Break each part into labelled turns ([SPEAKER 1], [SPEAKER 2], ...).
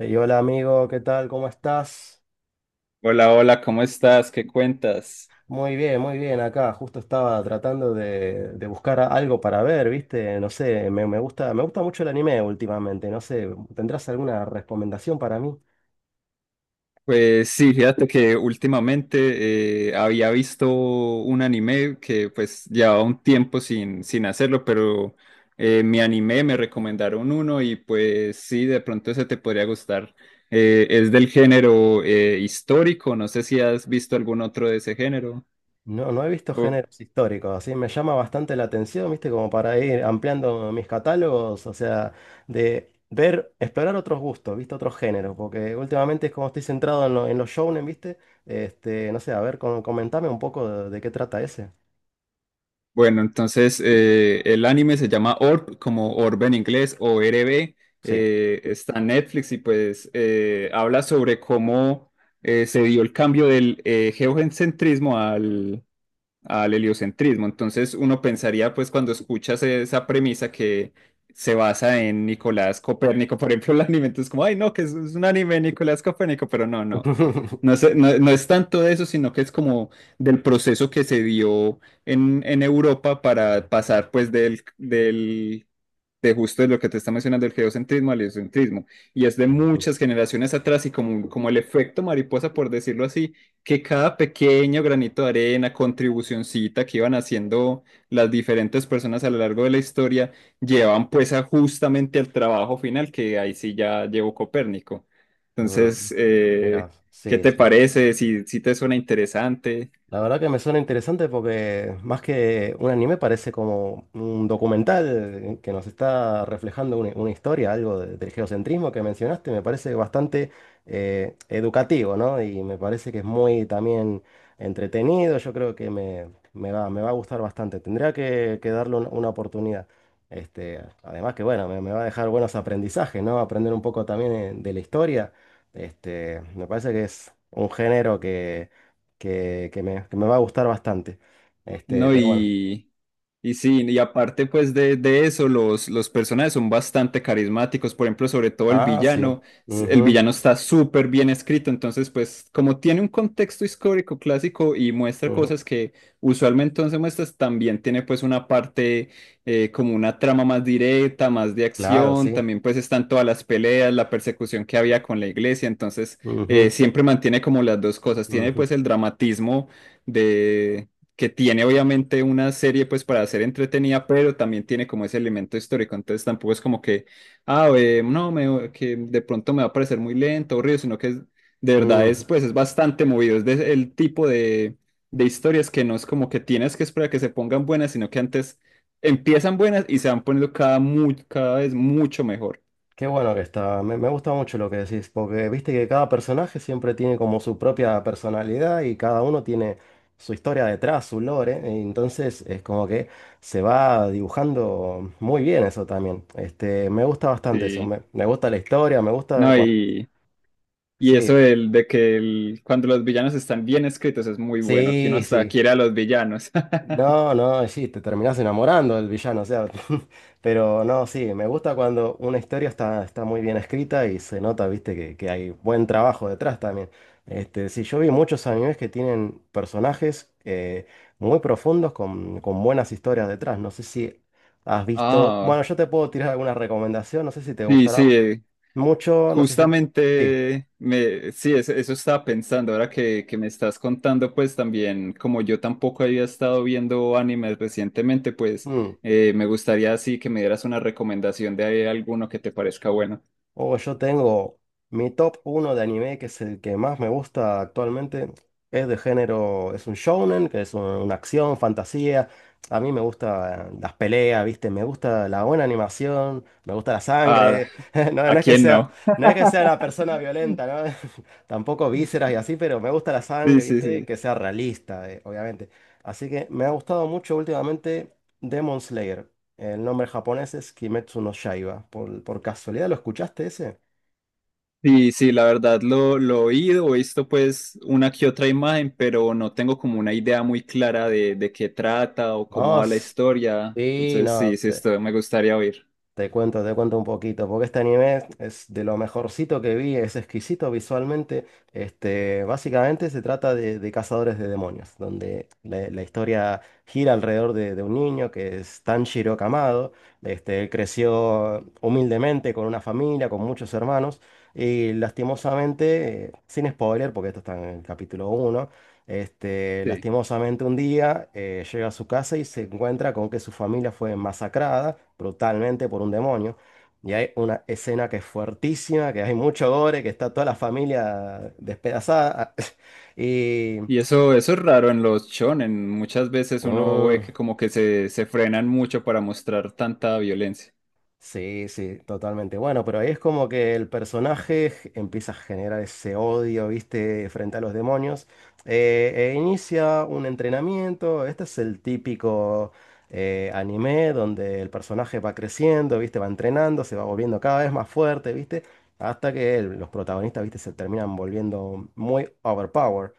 [SPEAKER 1] Ey, hola amigo, ¿qué tal? ¿Cómo estás?
[SPEAKER 2] Hola, hola, ¿cómo estás? ¿Qué cuentas?
[SPEAKER 1] Muy bien, muy bien. Acá justo estaba tratando de buscar algo para ver, ¿viste? No sé, me gusta mucho el anime últimamente. No sé, ¿tendrás alguna recomendación para mí?
[SPEAKER 2] Pues sí, fíjate que últimamente había visto un anime que pues llevaba un tiempo sin hacerlo, pero me animé, me recomendaron uno y pues sí, de pronto ese te podría gustar. Es del género histórico, no sé si has visto algún otro de ese género.
[SPEAKER 1] No, no he visto géneros históricos, así me llama bastante la atención, ¿viste? Como para ir ampliando mis catálogos, o sea, de ver, explorar otros gustos, ¿viste? Otros géneros, porque últimamente es como estoy centrado en, en los shounen, ¿viste? Este, no sé, a ver, comentame un poco de qué trata ese.
[SPEAKER 2] Bueno, entonces el anime se llama Orb, como Orb en inglés, o RB.
[SPEAKER 1] Sí.
[SPEAKER 2] Está en Netflix y pues habla sobre cómo se dio el cambio del geocentrismo al heliocentrismo. Entonces uno pensaría, pues cuando escuchas esa premisa que se basa en Nicolás Copérnico, por ejemplo, el anime, entonces como, ay, no, es un anime de Nicolás Copérnico, pero no, no. No sé, no, no es tanto de eso, sino que es como del proceso que se dio en Europa para pasar pues del de justo de lo que te está mencionando, el geocentrismo, al heliocentrismo, y es de muchas generaciones atrás y como, como el efecto mariposa, por decirlo así, que cada pequeño granito de arena, contribucioncita que iban haciendo las diferentes personas a lo largo de la historia, llevan pues a justamente al trabajo final, que ahí sí ya llevó Copérnico.
[SPEAKER 1] Ah,
[SPEAKER 2] Entonces,
[SPEAKER 1] mira,
[SPEAKER 2] ¿qué
[SPEAKER 1] sí,
[SPEAKER 2] te
[SPEAKER 1] sí.
[SPEAKER 2] parece? Si, si te suena interesante.
[SPEAKER 1] La verdad que me suena interesante porque más que un anime parece como un documental que nos está reflejando una historia, algo del geocentrismo que mencionaste, me parece bastante educativo, ¿no? Y me parece que es muy también entretenido, yo creo que me va a gustar bastante, tendría que darle una oportunidad. Este, además que bueno, me va a dejar buenos aprendizajes, ¿no? Aprender un poco también de la historia. Este, me parece que es un género que que me va a gustar bastante. Este,
[SPEAKER 2] No,
[SPEAKER 1] pero bueno.
[SPEAKER 2] y sí, y aparte pues de eso, los personajes son bastante carismáticos, por ejemplo, sobre todo el
[SPEAKER 1] Ah, sí.
[SPEAKER 2] villano, el
[SPEAKER 1] Ujú,
[SPEAKER 2] villano está súper bien escrito, entonces pues como tiene un contexto histórico clásico y muestra
[SPEAKER 1] ujú.
[SPEAKER 2] cosas que usualmente no se muestran, también tiene pues una parte como una trama más directa, más de
[SPEAKER 1] Claro,
[SPEAKER 2] acción,
[SPEAKER 1] sí.
[SPEAKER 2] también pues están todas las peleas, la persecución que había con la iglesia, entonces
[SPEAKER 1] Ujú,
[SPEAKER 2] siempre mantiene como las dos cosas, tiene
[SPEAKER 1] ujú,
[SPEAKER 2] pues el dramatismo que tiene obviamente una serie pues para ser entretenida, pero también tiene como ese elemento histórico, entonces tampoco es como que, ah, no, que de pronto me va a parecer muy lento, aburrido, de verdad es
[SPEAKER 1] ujú.
[SPEAKER 2] pues es bastante movido, el tipo de historias que no es como que tienes que esperar a que se pongan buenas, sino que antes empiezan buenas y se van poniendo cada, cada vez mucho mejor.
[SPEAKER 1] Qué bueno que está. Me gusta mucho lo que decís, porque viste que cada personaje siempre tiene como su propia personalidad y cada uno tiene su historia detrás, su lore. Entonces es como que se va dibujando muy bien eso también. Este, me gusta bastante eso.
[SPEAKER 2] Sí,
[SPEAKER 1] Me gusta la historia, me gusta
[SPEAKER 2] no,
[SPEAKER 1] cuando...
[SPEAKER 2] y eso
[SPEAKER 1] Sí,
[SPEAKER 2] del, de que cuando los villanos están bien escritos es muy bueno, que uno
[SPEAKER 1] sí,
[SPEAKER 2] hasta
[SPEAKER 1] sí.
[SPEAKER 2] quiere a los villanos.
[SPEAKER 1] No, no, y sí, te terminás enamorando del villano, o sea, pero no, sí, me gusta cuando una historia está, está muy bien escrita y se nota, viste, que hay buen trabajo detrás también. Este, sí, yo vi muchos animes que tienen personajes muy profundos con buenas historias detrás. No sé si has visto, bueno,
[SPEAKER 2] Ah,
[SPEAKER 1] yo te puedo tirar alguna recomendación, no sé si te
[SPEAKER 2] sí,
[SPEAKER 1] gustará
[SPEAKER 2] sí,
[SPEAKER 1] mucho, no sé si... Sí.
[SPEAKER 2] justamente me, sí, eso estaba pensando ahora que me estás contando, pues también, como yo tampoco había estado viendo animes recientemente, pues
[SPEAKER 1] Mm.
[SPEAKER 2] me gustaría así que me dieras una recomendación de alguno que te parezca bueno.
[SPEAKER 1] Oh, yo tengo mi top uno de anime, que es el que más me gusta actualmente. Es de género, es un shounen, que es una acción, fantasía. A mí me gustan las peleas, ¿viste? Me gusta la buena animación, me gusta la
[SPEAKER 2] Ah,
[SPEAKER 1] sangre. No,
[SPEAKER 2] ¿a quién no?
[SPEAKER 1] no es que sea la persona violenta, ¿no? Tampoco vísceras y así, pero me gusta la
[SPEAKER 2] Sí,
[SPEAKER 1] sangre,
[SPEAKER 2] sí,
[SPEAKER 1] ¿viste?
[SPEAKER 2] sí.
[SPEAKER 1] Que sea realista, obviamente. Así que me ha gustado mucho últimamente Demon Slayer. El nombre japonés es Kimetsu no Yaiba. Por casualidad lo escuchaste ese?
[SPEAKER 2] Sí, sí, la verdad lo he oído, he visto pues una que otra imagen, pero no tengo como una idea muy clara de qué trata o cómo va la
[SPEAKER 1] Vos,
[SPEAKER 2] historia.
[SPEAKER 1] sí,
[SPEAKER 2] Entonces,
[SPEAKER 1] no,
[SPEAKER 2] sí, sí, esto me gustaría oír.
[SPEAKER 1] te cuento un poquito, porque este anime es de lo mejorcito que vi, es exquisito visualmente. Este, básicamente se trata de cazadores de demonios, donde la historia gira alrededor de un niño que es Tanjiro Kamado. Este, él creció humildemente con una familia, con muchos hermanos, y lastimosamente, sin spoiler, porque esto está en el capítulo uno. Este,
[SPEAKER 2] Sí.
[SPEAKER 1] lastimosamente un día llega a su casa y se encuentra con que su familia fue masacrada brutalmente por un demonio. Y hay una escena que es fuertísima, que hay mucho gore, que está toda la familia despedazada. Y
[SPEAKER 2] Y eso es raro en los shonen. Muchas veces uno ve
[SPEAKER 1] mm,
[SPEAKER 2] que como que se frenan mucho para mostrar tanta violencia.
[SPEAKER 1] sí, sí, totalmente. Bueno, pero ahí es como que el personaje empieza a generar ese odio, ¿viste? Frente a los demonios. E inicia un entrenamiento. Este es el típico anime donde el personaje va creciendo, ¿viste? Va entrenando, se va volviendo cada vez más fuerte, ¿viste? Hasta que los protagonistas, ¿viste? Se terminan volviendo muy overpower.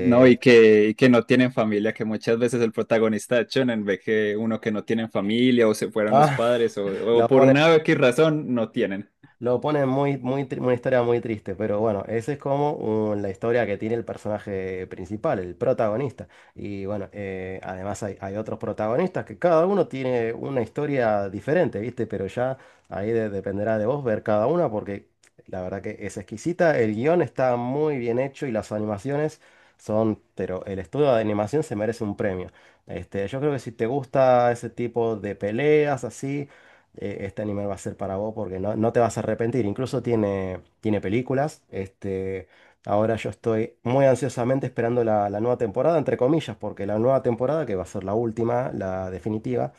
[SPEAKER 2] No, y que no tienen familia, que muchas veces el protagonista de shonen ve que uno que no tienen familia o se fueron los
[SPEAKER 1] Ah,
[SPEAKER 2] padres o
[SPEAKER 1] lo
[SPEAKER 2] por
[SPEAKER 1] ponen
[SPEAKER 2] una X razón no tienen.
[SPEAKER 1] lo pone muy, muy, una historia muy triste, pero bueno, esa es como la historia que tiene el personaje principal, el protagonista. Y bueno, además hay, hay otros protagonistas que cada uno tiene una historia diferente, ¿viste? Pero ya ahí dependerá de vos ver cada una porque la verdad que es exquisita, el guión está muy bien hecho y las animaciones son, pero el estudio de animación se merece un premio. Este, yo creo que si te gusta ese tipo de peleas así este anime va a ser para vos porque no, no te vas a arrepentir. Incluso tiene, tiene películas. Este, ahora yo estoy muy ansiosamente esperando la nueva temporada, entre comillas, porque la nueva temporada, que va a ser la última, la definitiva,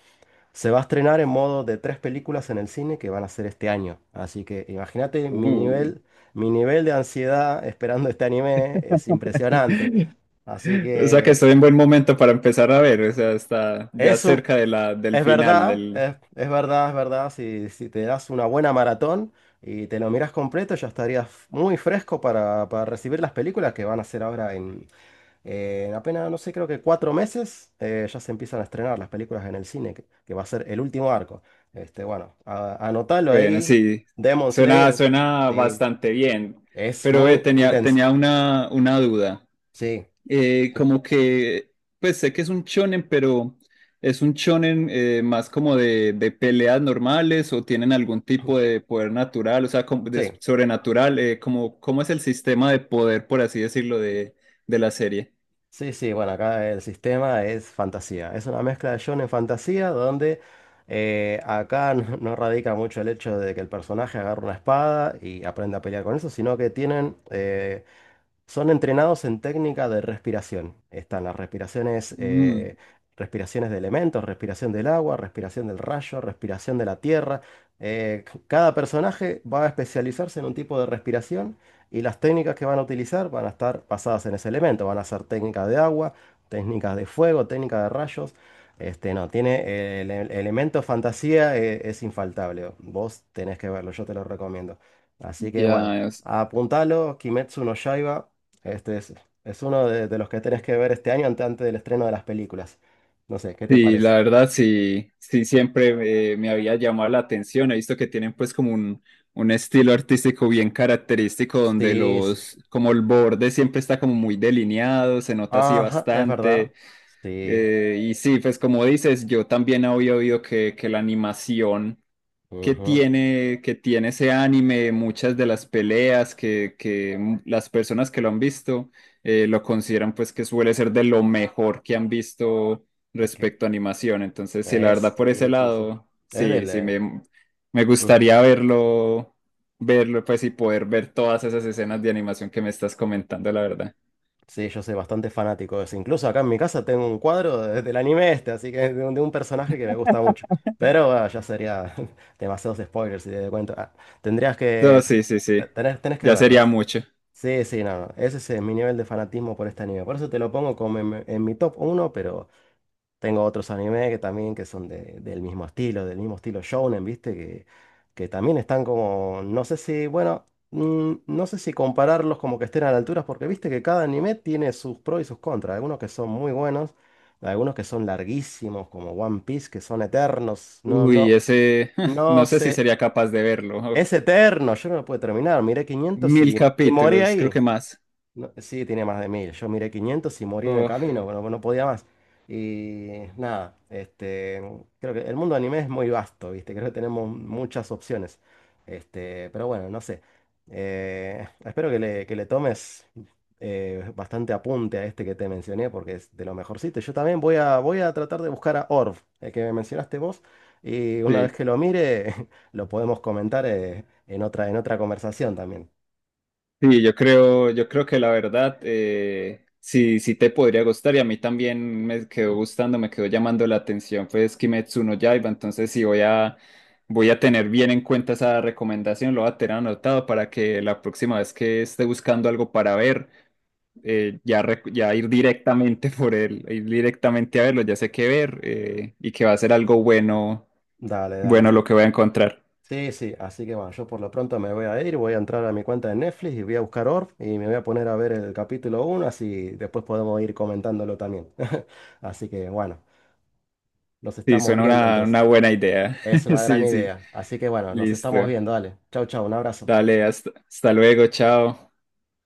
[SPEAKER 1] se va a estrenar en modo de tres películas en el cine que van a ser este año. Así que imagínate
[SPEAKER 2] Uh.
[SPEAKER 1] mi nivel de ansiedad esperando este anime es impresionante. Así
[SPEAKER 2] O sea que
[SPEAKER 1] que...
[SPEAKER 2] estoy en buen momento para empezar a ver, o sea, está ya
[SPEAKER 1] Es un,
[SPEAKER 2] cerca de la, del
[SPEAKER 1] es
[SPEAKER 2] final
[SPEAKER 1] verdad,
[SPEAKER 2] del...
[SPEAKER 1] es verdad, es verdad. Si, si te das una buena maratón y te lo miras completo, ya estarías muy fresco para recibir las películas que van a hacer ahora en apenas, no sé, creo que cuatro meses, ya se empiezan a estrenar las películas en el cine, que va a ser el último arco. Este, bueno, anotalo
[SPEAKER 2] Bueno,
[SPEAKER 1] ahí.
[SPEAKER 2] sí,
[SPEAKER 1] Demon
[SPEAKER 2] suena,
[SPEAKER 1] Slayer,
[SPEAKER 2] suena
[SPEAKER 1] sí,
[SPEAKER 2] bastante bien,
[SPEAKER 1] es
[SPEAKER 2] pero
[SPEAKER 1] muy
[SPEAKER 2] tenía,
[SPEAKER 1] intenso.
[SPEAKER 2] tenía una duda.
[SPEAKER 1] Sí,
[SPEAKER 2] Eh,
[SPEAKER 1] sí.
[SPEAKER 2] como que, pues sé que es un shonen, pero ¿es un shonen más como de peleas normales o tienen algún tipo de poder natural, o sea, como de
[SPEAKER 1] Sí.
[SPEAKER 2] sobrenatural? Como, ¿cómo es el sistema de poder, por así decirlo, de la serie?
[SPEAKER 1] Sí, sí, bueno, acá el sistema es fantasía. Es una mezcla de shonen fantasía donde acá no, no radica mucho el hecho de que el personaje agarre una espada y aprenda a pelear con eso, sino que tienen son entrenados en técnica de respiración. Están las respiraciones,
[SPEAKER 2] Mm.
[SPEAKER 1] respiraciones de elementos, respiración del agua, respiración del rayo, respiración de la tierra. Cada personaje va a especializarse en un tipo de respiración y las técnicas que van a utilizar van a estar basadas en ese elemento. Van a ser técnicas de agua, técnicas de fuego, técnicas de rayos. Este, no, tiene el elemento fantasía, es infaltable. Vos tenés que verlo, yo te lo recomiendo. Así que bueno.
[SPEAKER 2] Ya, es-
[SPEAKER 1] Apuntalo, Kimetsu no Yaiba. Este es uno de los que tenés que ver este año antes, del estreno de las películas. No sé, ¿qué te
[SPEAKER 2] sí, la
[SPEAKER 1] parece?
[SPEAKER 2] verdad sí, sí siempre me había llamado la atención. He visto que tienen pues como un estilo artístico bien característico donde
[SPEAKER 1] Sí, sí.
[SPEAKER 2] los, como el borde siempre está como muy delineado, se nota así
[SPEAKER 1] Ajá, es verdad.
[SPEAKER 2] bastante.
[SPEAKER 1] Sí.
[SPEAKER 2] Y sí, pues como dices, yo también había oído que la animación
[SPEAKER 1] Ujú.
[SPEAKER 2] que tiene ese anime, muchas de las peleas que las personas que lo han visto lo consideran pues que suele ser de lo mejor que han visto
[SPEAKER 1] Es que
[SPEAKER 2] respecto a animación. Entonces, sí, la
[SPEAKER 1] es,
[SPEAKER 2] verdad por ese
[SPEAKER 1] sí, sí, sí.
[SPEAKER 2] lado,
[SPEAKER 1] Es
[SPEAKER 2] sí,
[SPEAKER 1] del.
[SPEAKER 2] sí, me
[SPEAKER 1] Ujú.
[SPEAKER 2] gustaría verlo, verlo pues y poder ver todas esas escenas de animación que me estás comentando, la verdad.
[SPEAKER 1] Sí, yo soy bastante fanático de eso. Incluso acá en mi casa tengo un cuadro del anime este, así que de un personaje que me gusta mucho. Pero ah, ya sería demasiados spoilers si te doy cuenta. Ah, tendrías
[SPEAKER 2] No,
[SPEAKER 1] que.
[SPEAKER 2] sí, sí,
[SPEAKER 1] Eh,
[SPEAKER 2] sí,
[SPEAKER 1] tenés, tenés que
[SPEAKER 2] ya
[SPEAKER 1] verlo.
[SPEAKER 2] sería mucho.
[SPEAKER 1] Sí, sí, no, no, ese es mi nivel de fanatismo por este anime. Por eso te lo pongo como en mi top uno, pero tengo otros animes que también que son del mismo estilo shounen, ¿viste? Que también están como, no sé si, bueno, mm, no sé si compararlos como que estén a la altura, porque viste que cada anime tiene sus pros y sus contras. Algunos que son muy buenos, algunos que son larguísimos, como One Piece, que son eternos. No,
[SPEAKER 2] Uy,
[SPEAKER 1] no,
[SPEAKER 2] ese,
[SPEAKER 1] no
[SPEAKER 2] no sé si
[SPEAKER 1] sé,
[SPEAKER 2] sería capaz de verlo.
[SPEAKER 1] es eterno, yo no lo puedo terminar. Miré 500
[SPEAKER 2] Mil
[SPEAKER 1] y morí
[SPEAKER 2] capítulos, creo
[SPEAKER 1] ahí.
[SPEAKER 2] que más.
[SPEAKER 1] No, sí, tiene más de 1000. Yo miré 500 y morí en el
[SPEAKER 2] Uf,
[SPEAKER 1] camino, bueno, no podía más. Y nada, este, creo que el mundo anime es muy vasto, ¿viste? Creo que tenemos muchas opciones. Este, pero bueno, no sé. Espero que que le tomes bastante apunte a este que te mencioné, porque es de lo mejorcito. Yo también voy a tratar de buscar a Orv, el que me mencionaste vos, y una vez
[SPEAKER 2] sí,
[SPEAKER 1] que lo mire, lo podemos comentar en otra conversación también.
[SPEAKER 2] sí, yo creo que la verdad, sí, sí te podría gustar y a mí también me quedó gustando, me quedó llamando la atención, pues Kimetsu no Yaiba, entonces sí voy a, voy a tener bien en cuenta esa recomendación, lo voy a tener anotado para que la próxima vez que esté buscando algo para ver, ya ir directamente por él, ir directamente a verlo, ya sé qué ver y que va a ser algo bueno,
[SPEAKER 1] Dale, dale.
[SPEAKER 2] bueno lo que voy a encontrar.
[SPEAKER 1] Sí, sí, así que bueno, yo por lo pronto me voy a ir, voy a entrar a mi cuenta de Netflix y voy a buscar Orf y me voy a poner a ver el capítulo uno, así después podemos ir comentándolo también. Así que bueno, nos
[SPEAKER 2] Sí,
[SPEAKER 1] estamos
[SPEAKER 2] suena
[SPEAKER 1] viendo
[SPEAKER 2] una
[SPEAKER 1] entonces.
[SPEAKER 2] buena idea.
[SPEAKER 1] Es una gran
[SPEAKER 2] Sí, sí.
[SPEAKER 1] idea. Así que bueno, nos estamos
[SPEAKER 2] Listo.
[SPEAKER 1] viendo, dale. Chau, chau, un abrazo.
[SPEAKER 2] Dale, hasta, hasta luego, chao.